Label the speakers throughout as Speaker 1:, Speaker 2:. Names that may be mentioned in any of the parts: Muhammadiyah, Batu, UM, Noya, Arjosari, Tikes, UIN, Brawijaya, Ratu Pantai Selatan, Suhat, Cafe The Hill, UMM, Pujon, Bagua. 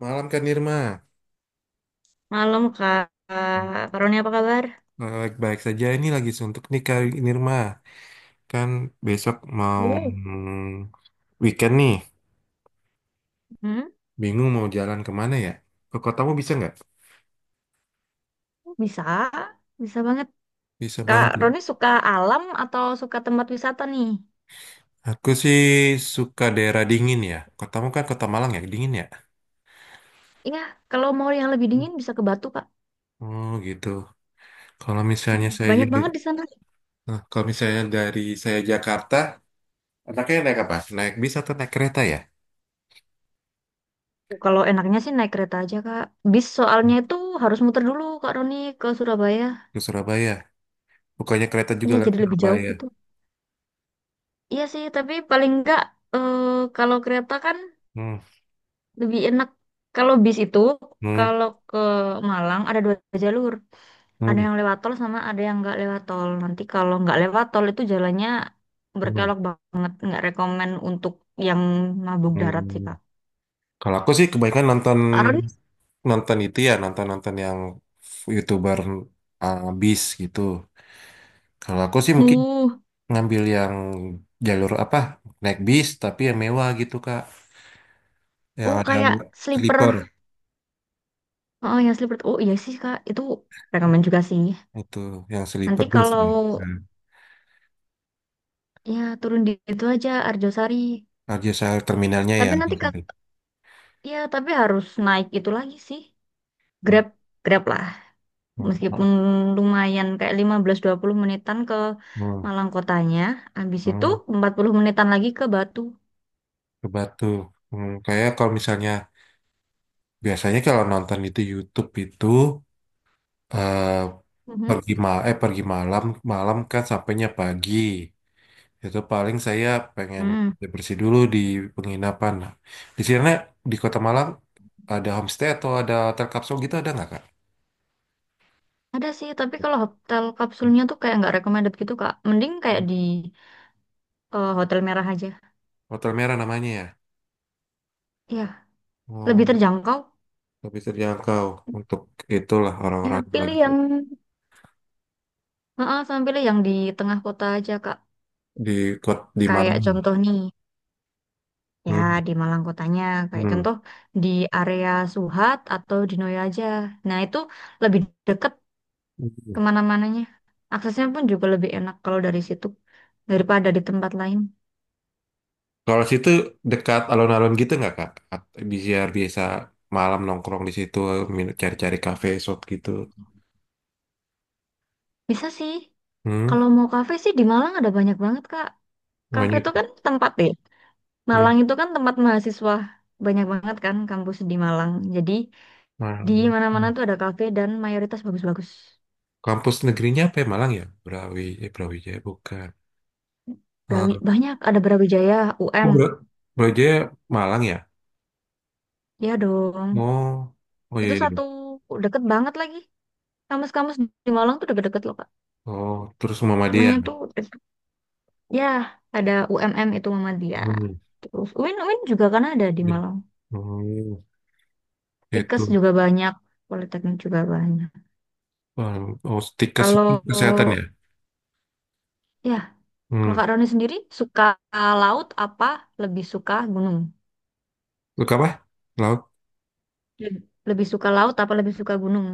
Speaker 1: Malam Kak Nirma.
Speaker 2: Malam Kak, Kak Roni apa kabar?
Speaker 1: Baik-baik saja, ini lagi suntuk nih Kak Nirma. Kan besok mau
Speaker 2: Hmm.
Speaker 1: weekend nih,
Speaker 2: Hmm?
Speaker 1: bingung mau jalan kemana ya? Ke kotamu bisa nggak?
Speaker 2: Bisa, bisa banget.
Speaker 1: Bisa
Speaker 2: Kak
Speaker 1: banget loh.
Speaker 2: Roni suka alam atau suka tempat wisata nih?
Speaker 1: Aku sih suka daerah dingin ya. Kotamu kan kota Malang ya, dingin ya?
Speaker 2: Iya, kalau mau yang lebih dingin bisa ke Batu Kak.
Speaker 1: Oh gitu. Kalau misalnya
Speaker 2: Iya.
Speaker 1: saya,
Speaker 2: Banyak banget di sana.
Speaker 1: nah, kalau misalnya dari saya Jakarta, anaknya naik apa? Naik bis atau naik kereta ya?
Speaker 2: Kalau enaknya sih naik kereta aja Kak. Bis soalnya itu harus muter dulu Kak Roni ke Surabaya.
Speaker 1: Ke Surabaya. Bukannya kereta juga
Speaker 2: Iya,
Speaker 1: lewat
Speaker 2: jadi lebih jauh
Speaker 1: Surabaya.
Speaker 2: gitu. Iya sih, tapi paling enggak eh, kalau kereta kan
Speaker 1: Hmm.
Speaker 2: lebih enak. Kalau bis itu,
Speaker 1: Hmm.
Speaker 2: kalau ke Malang ada dua jalur. Ada
Speaker 1: Hmm.
Speaker 2: yang lewat tol sama ada yang nggak lewat tol. Nanti kalau nggak lewat tol itu jalannya
Speaker 1: Hmm.
Speaker 2: berkelok banget, nggak rekomen untuk yang mabuk darat sih
Speaker 1: Hmm.
Speaker 2: Kak.
Speaker 1: Kalau aku sih kebanyakan nonton,
Speaker 2: Karena
Speaker 1: nonton itu ya nonton-nonton yang YouTuber bis gitu. Kalau aku sih mungkin
Speaker 2: uh,
Speaker 1: ngambil yang jalur apa, naik bis tapi yang mewah gitu Kak. Yang
Speaker 2: oh
Speaker 1: ada
Speaker 2: kayak sleeper,
Speaker 1: sleeper,
Speaker 2: oh ya sleeper, oh iya sih Kak, itu rekomen juga sih.
Speaker 1: itu yang
Speaker 2: Nanti
Speaker 1: sleeper bus ya.
Speaker 2: kalau
Speaker 1: Hmm.
Speaker 2: ya turun di itu aja Arjosari,
Speaker 1: Aja saya terminalnya ya,
Speaker 2: tapi nanti
Speaker 1: gitu.
Speaker 2: Kak, ya tapi harus naik itu lagi sih,
Speaker 1: Hmm.
Speaker 2: Grab, Grab lah.
Speaker 1: Hmm.
Speaker 2: Meskipun lumayan kayak 15 20 menitan ke
Speaker 1: Hmm.
Speaker 2: Malang kotanya, habis itu
Speaker 1: Hmm.
Speaker 2: 40 menitan lagi ke Batu.
Speaker 1: Ke Batu. Hmm. Kayak kalau misalnya biasanya kalau nonton itu YouTube itu, eh
Speaker 2: Mhm.
Speaker 1: pergi ma eh, pergi malam, malam kan sampainya pagi, itu paling saya pengen
Speaker 2: Hmm.
Speaker 1: bersih dulu di penginapan. Nah, di sini di Kota Malang ada homestay atau ada hotel kapsul gitu, ada nggak Kak?
Speaker 2: Ada sih, tapi kalau hotel kapsulnya tuh kayak nggak recommended gitu, Kak. Mending kayak
Speaker 1: Hmm.
Speaker 2: di Hotel Merah aja.
Speaker 1: Hotel merah namanya ya.
Speaker 2: Iya, lebih
Speaker 1: Oh,
Speaker 2: terjangkau.
Speaker 1: lebih terjangkau untuk itulah,
Speaker 2: Ya,
Speaker 1: orang-orang yang
Speaker 2: pilih
Speaker 1: lagi
Speaker 2: yang, heeh, sama pilih yang di tengah kota aja, Kak.
Speaker 1: di di
Speaker 2: Kayak
Speaker 1: Malang.
Speaker 2: contoh nih, ya
Speaker 1: Hmm.
Speaker 2: di Malang kotanya, kayak
Speaker 1: Hmm.
Speaker 2: contoh di area Suhat atau di Noya aja. Nah, itu lebih deket kemana-mananya. Aksesnya pun juga lebih enak kalau dari situ daripada di tempat lain.
Speaker 1: Kalau situ dekat alun-alun gitu nggak Kak? Biar biasa malam nongkrong di situ, cari-cari kafe, shop gitu.
Speaker 2: Bisa sih.
Speaker 1: Hmm,
Speaker 2: Kalau mau kafe sih di Malang ada banyak banget, Kak. Kafe
Speaker 1: banyak.
Speaker 2: itu kan tempat ya.
Speaker 1: Hmm,
Speaker 2: Malang itu kan tempat mahasiswa. Banyak banget kan kampus di Malang. Jadi di
Speaker 1: Malang.
Speaker 2: mana-mana
Speaker 1: Hmm.
Speaker 2: tuh ada kafe dan mayoritas bagus-bagus.
Speaker 1: Kampus negerinya apa ya? Malang ya? Brawijaya bukan. Eh,
Speaker 2: Banyak, ada Brawijaya, UM.
Speaker 1: oh, Brawijaya Malang ya?
Speaker 2: Ya dong.
Speaker 1: Oh, oh
Speaker 2: Itu
Speaker 1: iya, iya.
Speaker 2: satu deket banget lagi. Kampus-kampus di Malang tuh deket-deket loh, Kak.
Speaker 1: Oh, terus
Speaker 2: Semuanya
Speaker 1: Muhammadiyah.
Speaker 2: tuh, ya, ada UMM itu Muhammadiyah.
Speaker 1: Hmm.
Speaker 2: Terus UIN UIN juga kan ada di Malang.
Speaker 1: Hmm,
Speaker 2: Tikes
Speaker 1: itu.
Speaker 2: juga banyak, Politeknik juga banyak.
Speaker 1: Oh, oh, stikes itu
Speaker 2: Kalau
Speaker 1: kesehatan ya?
Speaker 2: ya, kalau
Speaker 1: Hmm.
Speaker 2: Kak Roni sendiri suka laut apa lebih suka gunung?
Speaker 1: Lu apa? Laut?
Speaker 2: Leb- Lebih suka laut apa lebih suka gunung?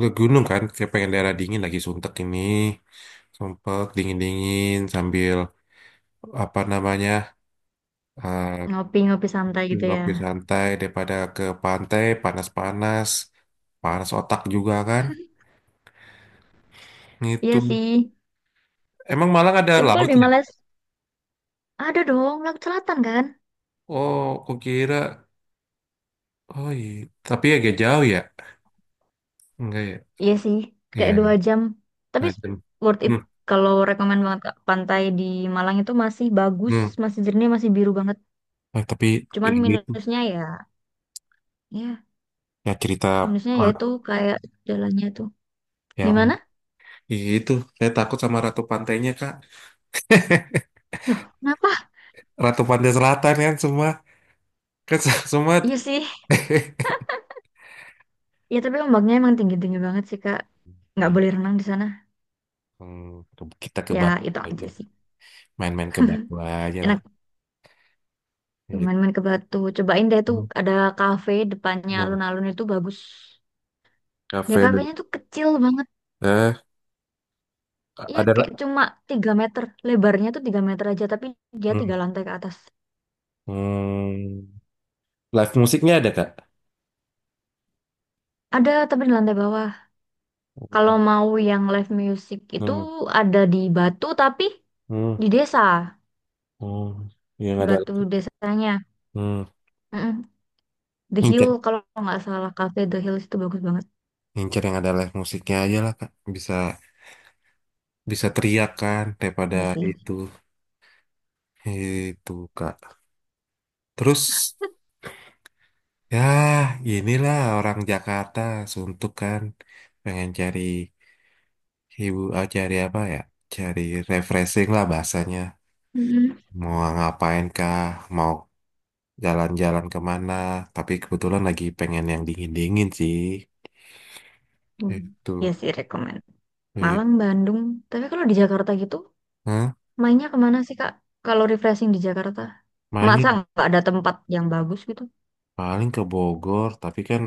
Speaker 1: Ke gunung kan, saya pengen daerah dingin lagi suntek ini. Sumpek, dingin-dingin sambil apa namanya, eh,
Speaker 2: Ngopi-ngopi santai gitu ya.
Speaker 1: ngopi santai daripada ke pantai panas-panas, panas otak juga kan itu,
Speaker 2: Iya sih.
Speaker 1: emang Malang ada
Speaker 2: Tapi kalau
Speaker 1: laut
Speaker 2: di
Speaker 1: ya?
Speaker 2: Malaysia ada dong laut selatan kan?
Speaker 1: Oh aku kira, oh iya, tapi agak jauh ya, enggak ya,
Speaker 2: Iya sih, kayak
Speaker 1: iya,
Speaker 2: 2 jam. Tapi
Speaker 1: enggak jauh.
Speaker 2: worth it
Speaker 1: Hmm.
Speaker 2: kalau rekomen banget Kak. Pantai di Malang itu masih bagus,
Speaker 1: Hmm.
Speaker 2: masih jernih, masih biru banget.
Speaker 1: Tapi
Speaker 2: Cuman
Speaker 1: ini tuh,
Speaker 2: ya
Speaker 1: ya cerita,
Speaker 2: minusnya ya itu kayak jalannya tuh.
Speaker 1: ya
Speaker 2: Gimana?
Speaker 1: itu saya takut sama ratu pantainya kak
Speaker 2: Loh, kenapa?
Speaker 1: Ratu Pantai Selatan kan semua kan semua.
Speaker 2: Iya sih. Ya tapi ombaknya emang tinggi-tinggi banget sih, Kak. Nggak
Speaker 1: Iya.
Speaker 2: boleh renang di sana.
Speaker 1: Hmm, kita ke
Speaker 2: Ya
Speaker 1: Bagua
Speaker 2: itu
Speaker 1: aja.
Speaker 2: aja sih.
Speaker 1: Main-main ke Bagua aja lah.
Speaker 2: Enak
Speaker 1: Gitu.
Speaker 2: main-main ke Batu. Cobain deh tuh
Speaker 1: Hmm.
Speaker 2: ada kafe depannya alun-alun itu bagus. Ya
Speaker 1: Cafe.
Speaker 2: kafenya tuh kecil banget.
Speaker 1: Eh,
Speaker 2: Iya
Speaker 1: ada lah.
Speaker 2: kayak cuma 3 meter. Lebarnya tuh 3 meter aja tapi dia tiga
Speaker 1: Hmm.
Speaker 2: lantai ke atas.
Speaker 1: Hmm. Live musiknya ada, Kak?
Speaker 2: Ada tapi di lantai bawah. Kalau mau yang live music itu
Speaker 1: Hmm.
Speaker 2: ada di Batu tapi
Speaker 1: Hmm.
Speaker 2: di desa.
Speaker 1: Hmm. Yang ada.
Speaker 2: Batu desanya.
Speaker 1: Hmm.
Speaker 2: Mm-mm. The Hill
Speaker 1: Incer,
Speaker 2: kalau nggak salah Cafe The Hill itu bagus banget.
Speaker 1: incer yang ada live musiknya aja lah, Kak. Bisa, bisa teriak kan daripada
Speaker 2: Iya sih.
Speaker 1: itu. Itu, Kak. Terus, ya, inilah orang Jakarta suntuk kan. Pengen cari ibu, ah, cari apa ya? Cari refreshing lah bahasanya.
Speaker 2: Mm-mm.
Speaker 1: Mau ngapain kah? Mau jalan-jalan kemana? Tapi kebetulan lagi pengen yang dingin-dingin sih.
Speaker 2: Hmm.
Speaker 1: Itu.
Speaker 2: Iya sih rekomend.
Speaker 1: Iya.
Speaker 2: Malang, Bandung. Tapi kalau di Jakarta gitu,
Speaker 1: Hah?
Speaker 2: mainnya kemana sih Kak? Kalau refreshing di Jakarta, masa
Speaker 1: Main
Speaker 2: nggak ada tempat yang bagus gitu?
Speaker 1: paling ke Bogor. Tapi kan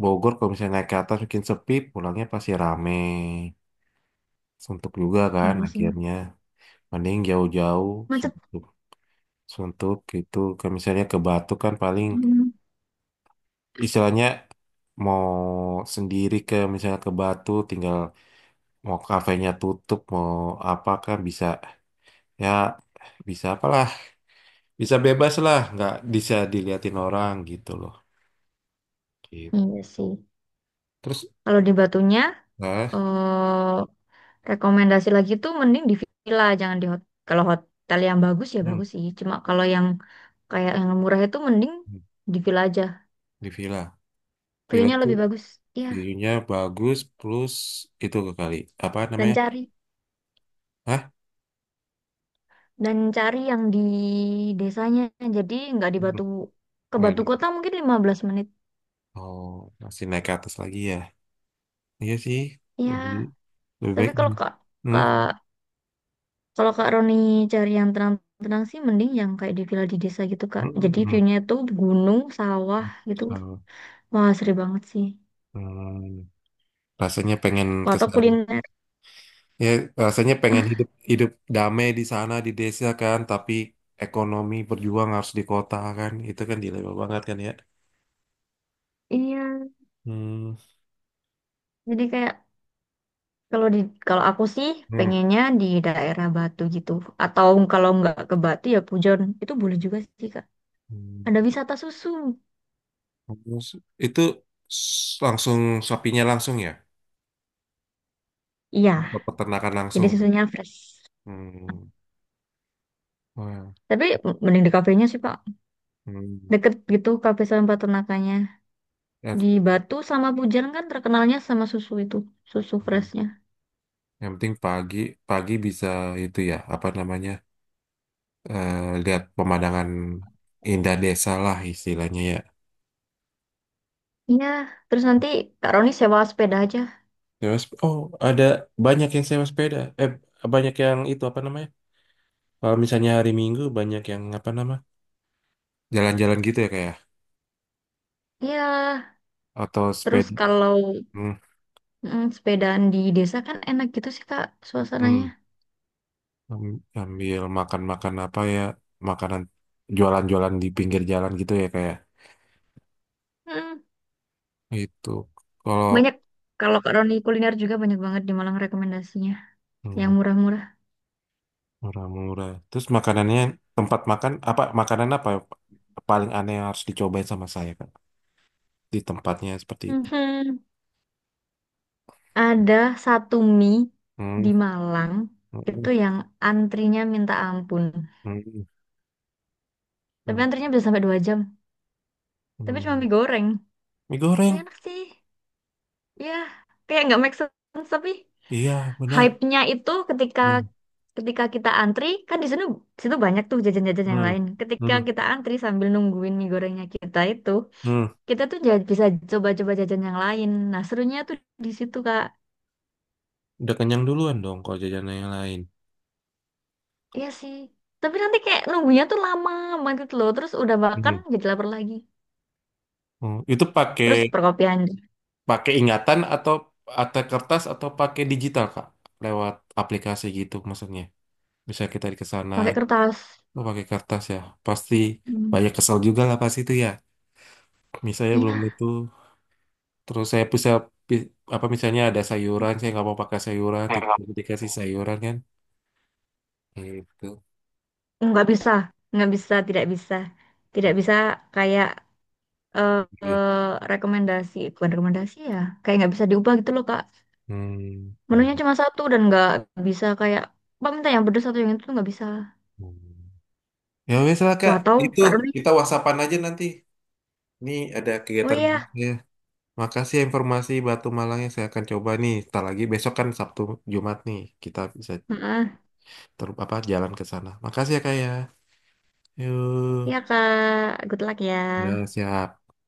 Speaker 1: Bogor kalau misalnya naik ke atas mungkin sepi, pulangnya pasti rame. Suntuk juga kan
Speaker 2: Iya sih.
Speaker 1: akhirnya. Mending jauh-jauh.
Speaker 2: Macet.
Speaker 1: Suntuk gitu ke misalnya ke Batu kan paling
Speaker 2: Mm.
Speaker 1: istilahnya mau sendiri ke misalnya ke Batu tinggal, mau kafenya tutup mau apa kan bisa, ya bisa apalah, bisa bebas lah nggak bisa diliatin orang gitu loh, gitu.
Speaker 2: Iya sih.
Speaker 1: Terus
Speaker 2: Kalau di Batunya,
Speaker 1: nah,
Speaker 2: eh rekomendasi lagi tuh mending di villa, jangan di hotel. Kalau hotel yang bagus ya
Speaker 1: hmm,
Speaker 2: bagus sih. Cuma kalau yang kayak yang murah itu mending
Speaker 1: hmm,
Speaker 2: di villa aja.
Speaker 1: di villa, villa
Speaker 2: View-nya
Speaker 1: tuh
Speaker 2: lebih bagus ya
Speaker 1: view-nya bagus plus itu ke kali apa
Speaker 2: dan
Speaker 1: namanya.
Speaker 2: cari
Speaker 1: Hah?
Speaker 2: dan cari yang di desanya jadi nggak di
Speaker 1: Hmm,
Speaker 2: Batu ke
Speaker 1: nggak
Speaker 2: Batu
Speaker 1: di-,
Speaker 2: Kota mungkin 15 menit.
Speaker 1: oh, masih naik ke atas lagi ya. Iya sih, lebih,
Speaker 2: Ya
Speaker 1: lebih
Speaker 2: tapi
Speaker 1: baik. Hmm. Hmm.
Speaker 2: kak kalau kak Roni cari yang tenang-tenang sih mending yang kayak di villa di desa gitu kak jadi
Speaker 1: Mm-mm.
Speaker 2: view-nya tuh gunung sawah gitu
Speaker 1: So,
Speaker 2: wah seru banget sih.
Speaker 1: hmm, rasanya pengen
Speaker 2: Wah,
Speaker 1: ke
Speaker 2: atau
Speaker 1: sana.
Speaker 2: kuliner
Speaker 1: Ya, rasanya pengen hidup hidup damai di sana di desa kan, tapi ekonomi berjuang harus di kota kan. Itu kan dilema banget kan ya.
Speaker 2: Iya,
Speaker 1: Hmm.
Speaker 2: jadi kayak kalau di kalau aku sih
Speaker 1: Hmm.
Speaker 2: pengennya di daerah Batu gitu. Atau kalau nggak ke Batu ya Pujon. Itu boleh juga sih Kak.
Speaker 1: Hmm.
Speaker 2: Ada wisata susu.
Speaker 1: Terus itu, langsung sapinya langsung ya, atau
Speaker 2: Iya,
Speaker 1: peternakan
Speaker 2: jadi
Speaker 1: langsung ya?
Speaker 2: susunya fresh.
Speaker 1: Hmm. Wah.
Speaker 2: Tapi mending di kafenya sih, Pak.
Speaker 1: Hmm.
Speaker 2: Deket gitu kafe sama peternakannya.
Speaker 1: Ya,
Speaker 2: Di Batu sama Pujan kan terkenalnya sama susu itu, susu
Speaker 1: hmm.
Speaker 2: freshnya.
Speaker 1: Yang penting pagi, pagi bisa itu ya, apa namanya? eh, lihat pemandangan indah desa lah istilahnya ya.
Speaker 2: Iya, terus nanti Kak Roni sewa sepeda aja.
Speaker 1: Sewa oh, ada banyak yang sewa sepeda. Eh, banyak yang itu apa namanya? Kalau misalnya hari Minggu banyak yang apa nama? Jalan-jalan gitu ya kayak,
Speaker 2: Iya,
Speaker 1: atau
Speaker 2: terus
Speaker 1: sepeda.
Speaker 2: kalau
Speaker 1: Hmm,
Speaker 2: sepedaan di desa kan enak gitu sih, Kak,
Speaker 1: hmm.
Speaker 2: suasananya.
Speaker 1: Ambil makan-makan apa ya? Makanan jualan-jualan di pinggir jalan gitu ya kayak.
Speaker 2: Mm,
Speaker 1: Itu kalau
Speaker 2: banyak, kalau Kak Roni kuliner juga banyak banget di Malang rekomendasinya. Yang
Speaker 1: hmm,
Speaker 2: murah-murah.
Speaker 1: murah-murah. Terus makanannya, tempat makan apa, makanan apa paling aneh yang harus dicobain sama saya Kak, di tempatnya seperti itu.
Speaker 2: Mhm. Ada satu mie
Speaker 1: Hmm,
Speaker 2: di Malang
Speaker 1: hmm,
Speaker 2: itu yang antrinya minta ampun.
Speaker 1: hmm,
Speaker 2: Tapi
Speaker 1: hmm,
Speaker 2: antrinya bisa sampai 2 jam. Tapi cuma
Speaker 1: hmm.
Speaker 2: mie goreng.
Speaker 1: Mie
Speaker 2: Tapi
Speaker 1: goreng,
Speaker 2: enak sih. Ya, kayak nggak make sense. Tapi
Speaker 1: iya benar.
Speaker 2: hype-nya itu ketika
Speaker 1: Hmm,
Speaker 2: ketika kita antri, kan di sana di situ banyak tuh jajan-jajan yang
Speaker 1: hmm,
Speaker 2: lain. Ketika
Speaker 1: hmm,
Speaker 2: kita antri sambil nungguin mie gorengnya kita itu,
Speaker 1: hmm.
Speaker 2: kita tuh bisa coba-coba jajan yang lain. Nah, serunya tuh di situ, Kak.
Speaker 1: Udah kenyang duluan dong kalau jajanan yang lain.
Speaker 2: Iya sih. Tapi nanti kayak nunggunya tuh lama banget gitu loh. Terus udah makan
Speaker 1: Hmm.
Speaker 2: jadi lapar lagi.
Speaker 1: Hmm. Itu pakai,
Speaker 2: Terus perkopian
Speaker 1: pakai ingatan atau kertas atau pakai digital Kak? Lewat aplikasi gitu maksudnya. Bisa kita di kesana,
Speaker 2: pakai kertas.
Speaker 1: oh, pakai kertas ya. Pasti
Speaker 2: Hmm.
Speaker 1: banyak kesel juga lah pasti itu ya. Misalnya belum
Speaker 2: Iya,
Speaker 1: itu. Terus saya bisa pi- apa, misalnya ada sayuran, saya nggak mau pakai sayuran, tiba-tiba dikasih sayuran kan? Gitu.
Speaker 2: nggak bisa, nggak bisa, tidak bisa, tidak bisa kayak eh
Speaker 1: Oke.
Speaker 2: rekomendasi, bukan rekomendasi ya. Kayak nggak bisa diubah gitu loh Kak.
Speaker 1: Hmm.
Speaker 2: Menunya cuma satu dan nggak bisa kayak Pak minta yang pedes atau yang itu tuh nggak bisa.
Speaker 1: Hmm. Ya wes lah Kak,
Speaker 2: Wah tahu
Speaker 1: itu
Speaker 2: Kak Roni.
Speaker 1: kita whatsappan aja nanti. Ini ada
Speaker 2: Oh
Speaker 1: kegiatan
Speaker 2: iya,
Speaker 1: ya. Makasih ya informasi Batu Malangnya, saya akan coba nih. Setelah lagi besok kan Sabtu, Jumat nih kita bisa
Speaker 2: heeh.
Speaker 1: ter apa jalan ke sana. Makasih ya Kak ya. Yuk.
Speaker 2: Iya Kak, good luck ya.
Speaker 1: Ya siap.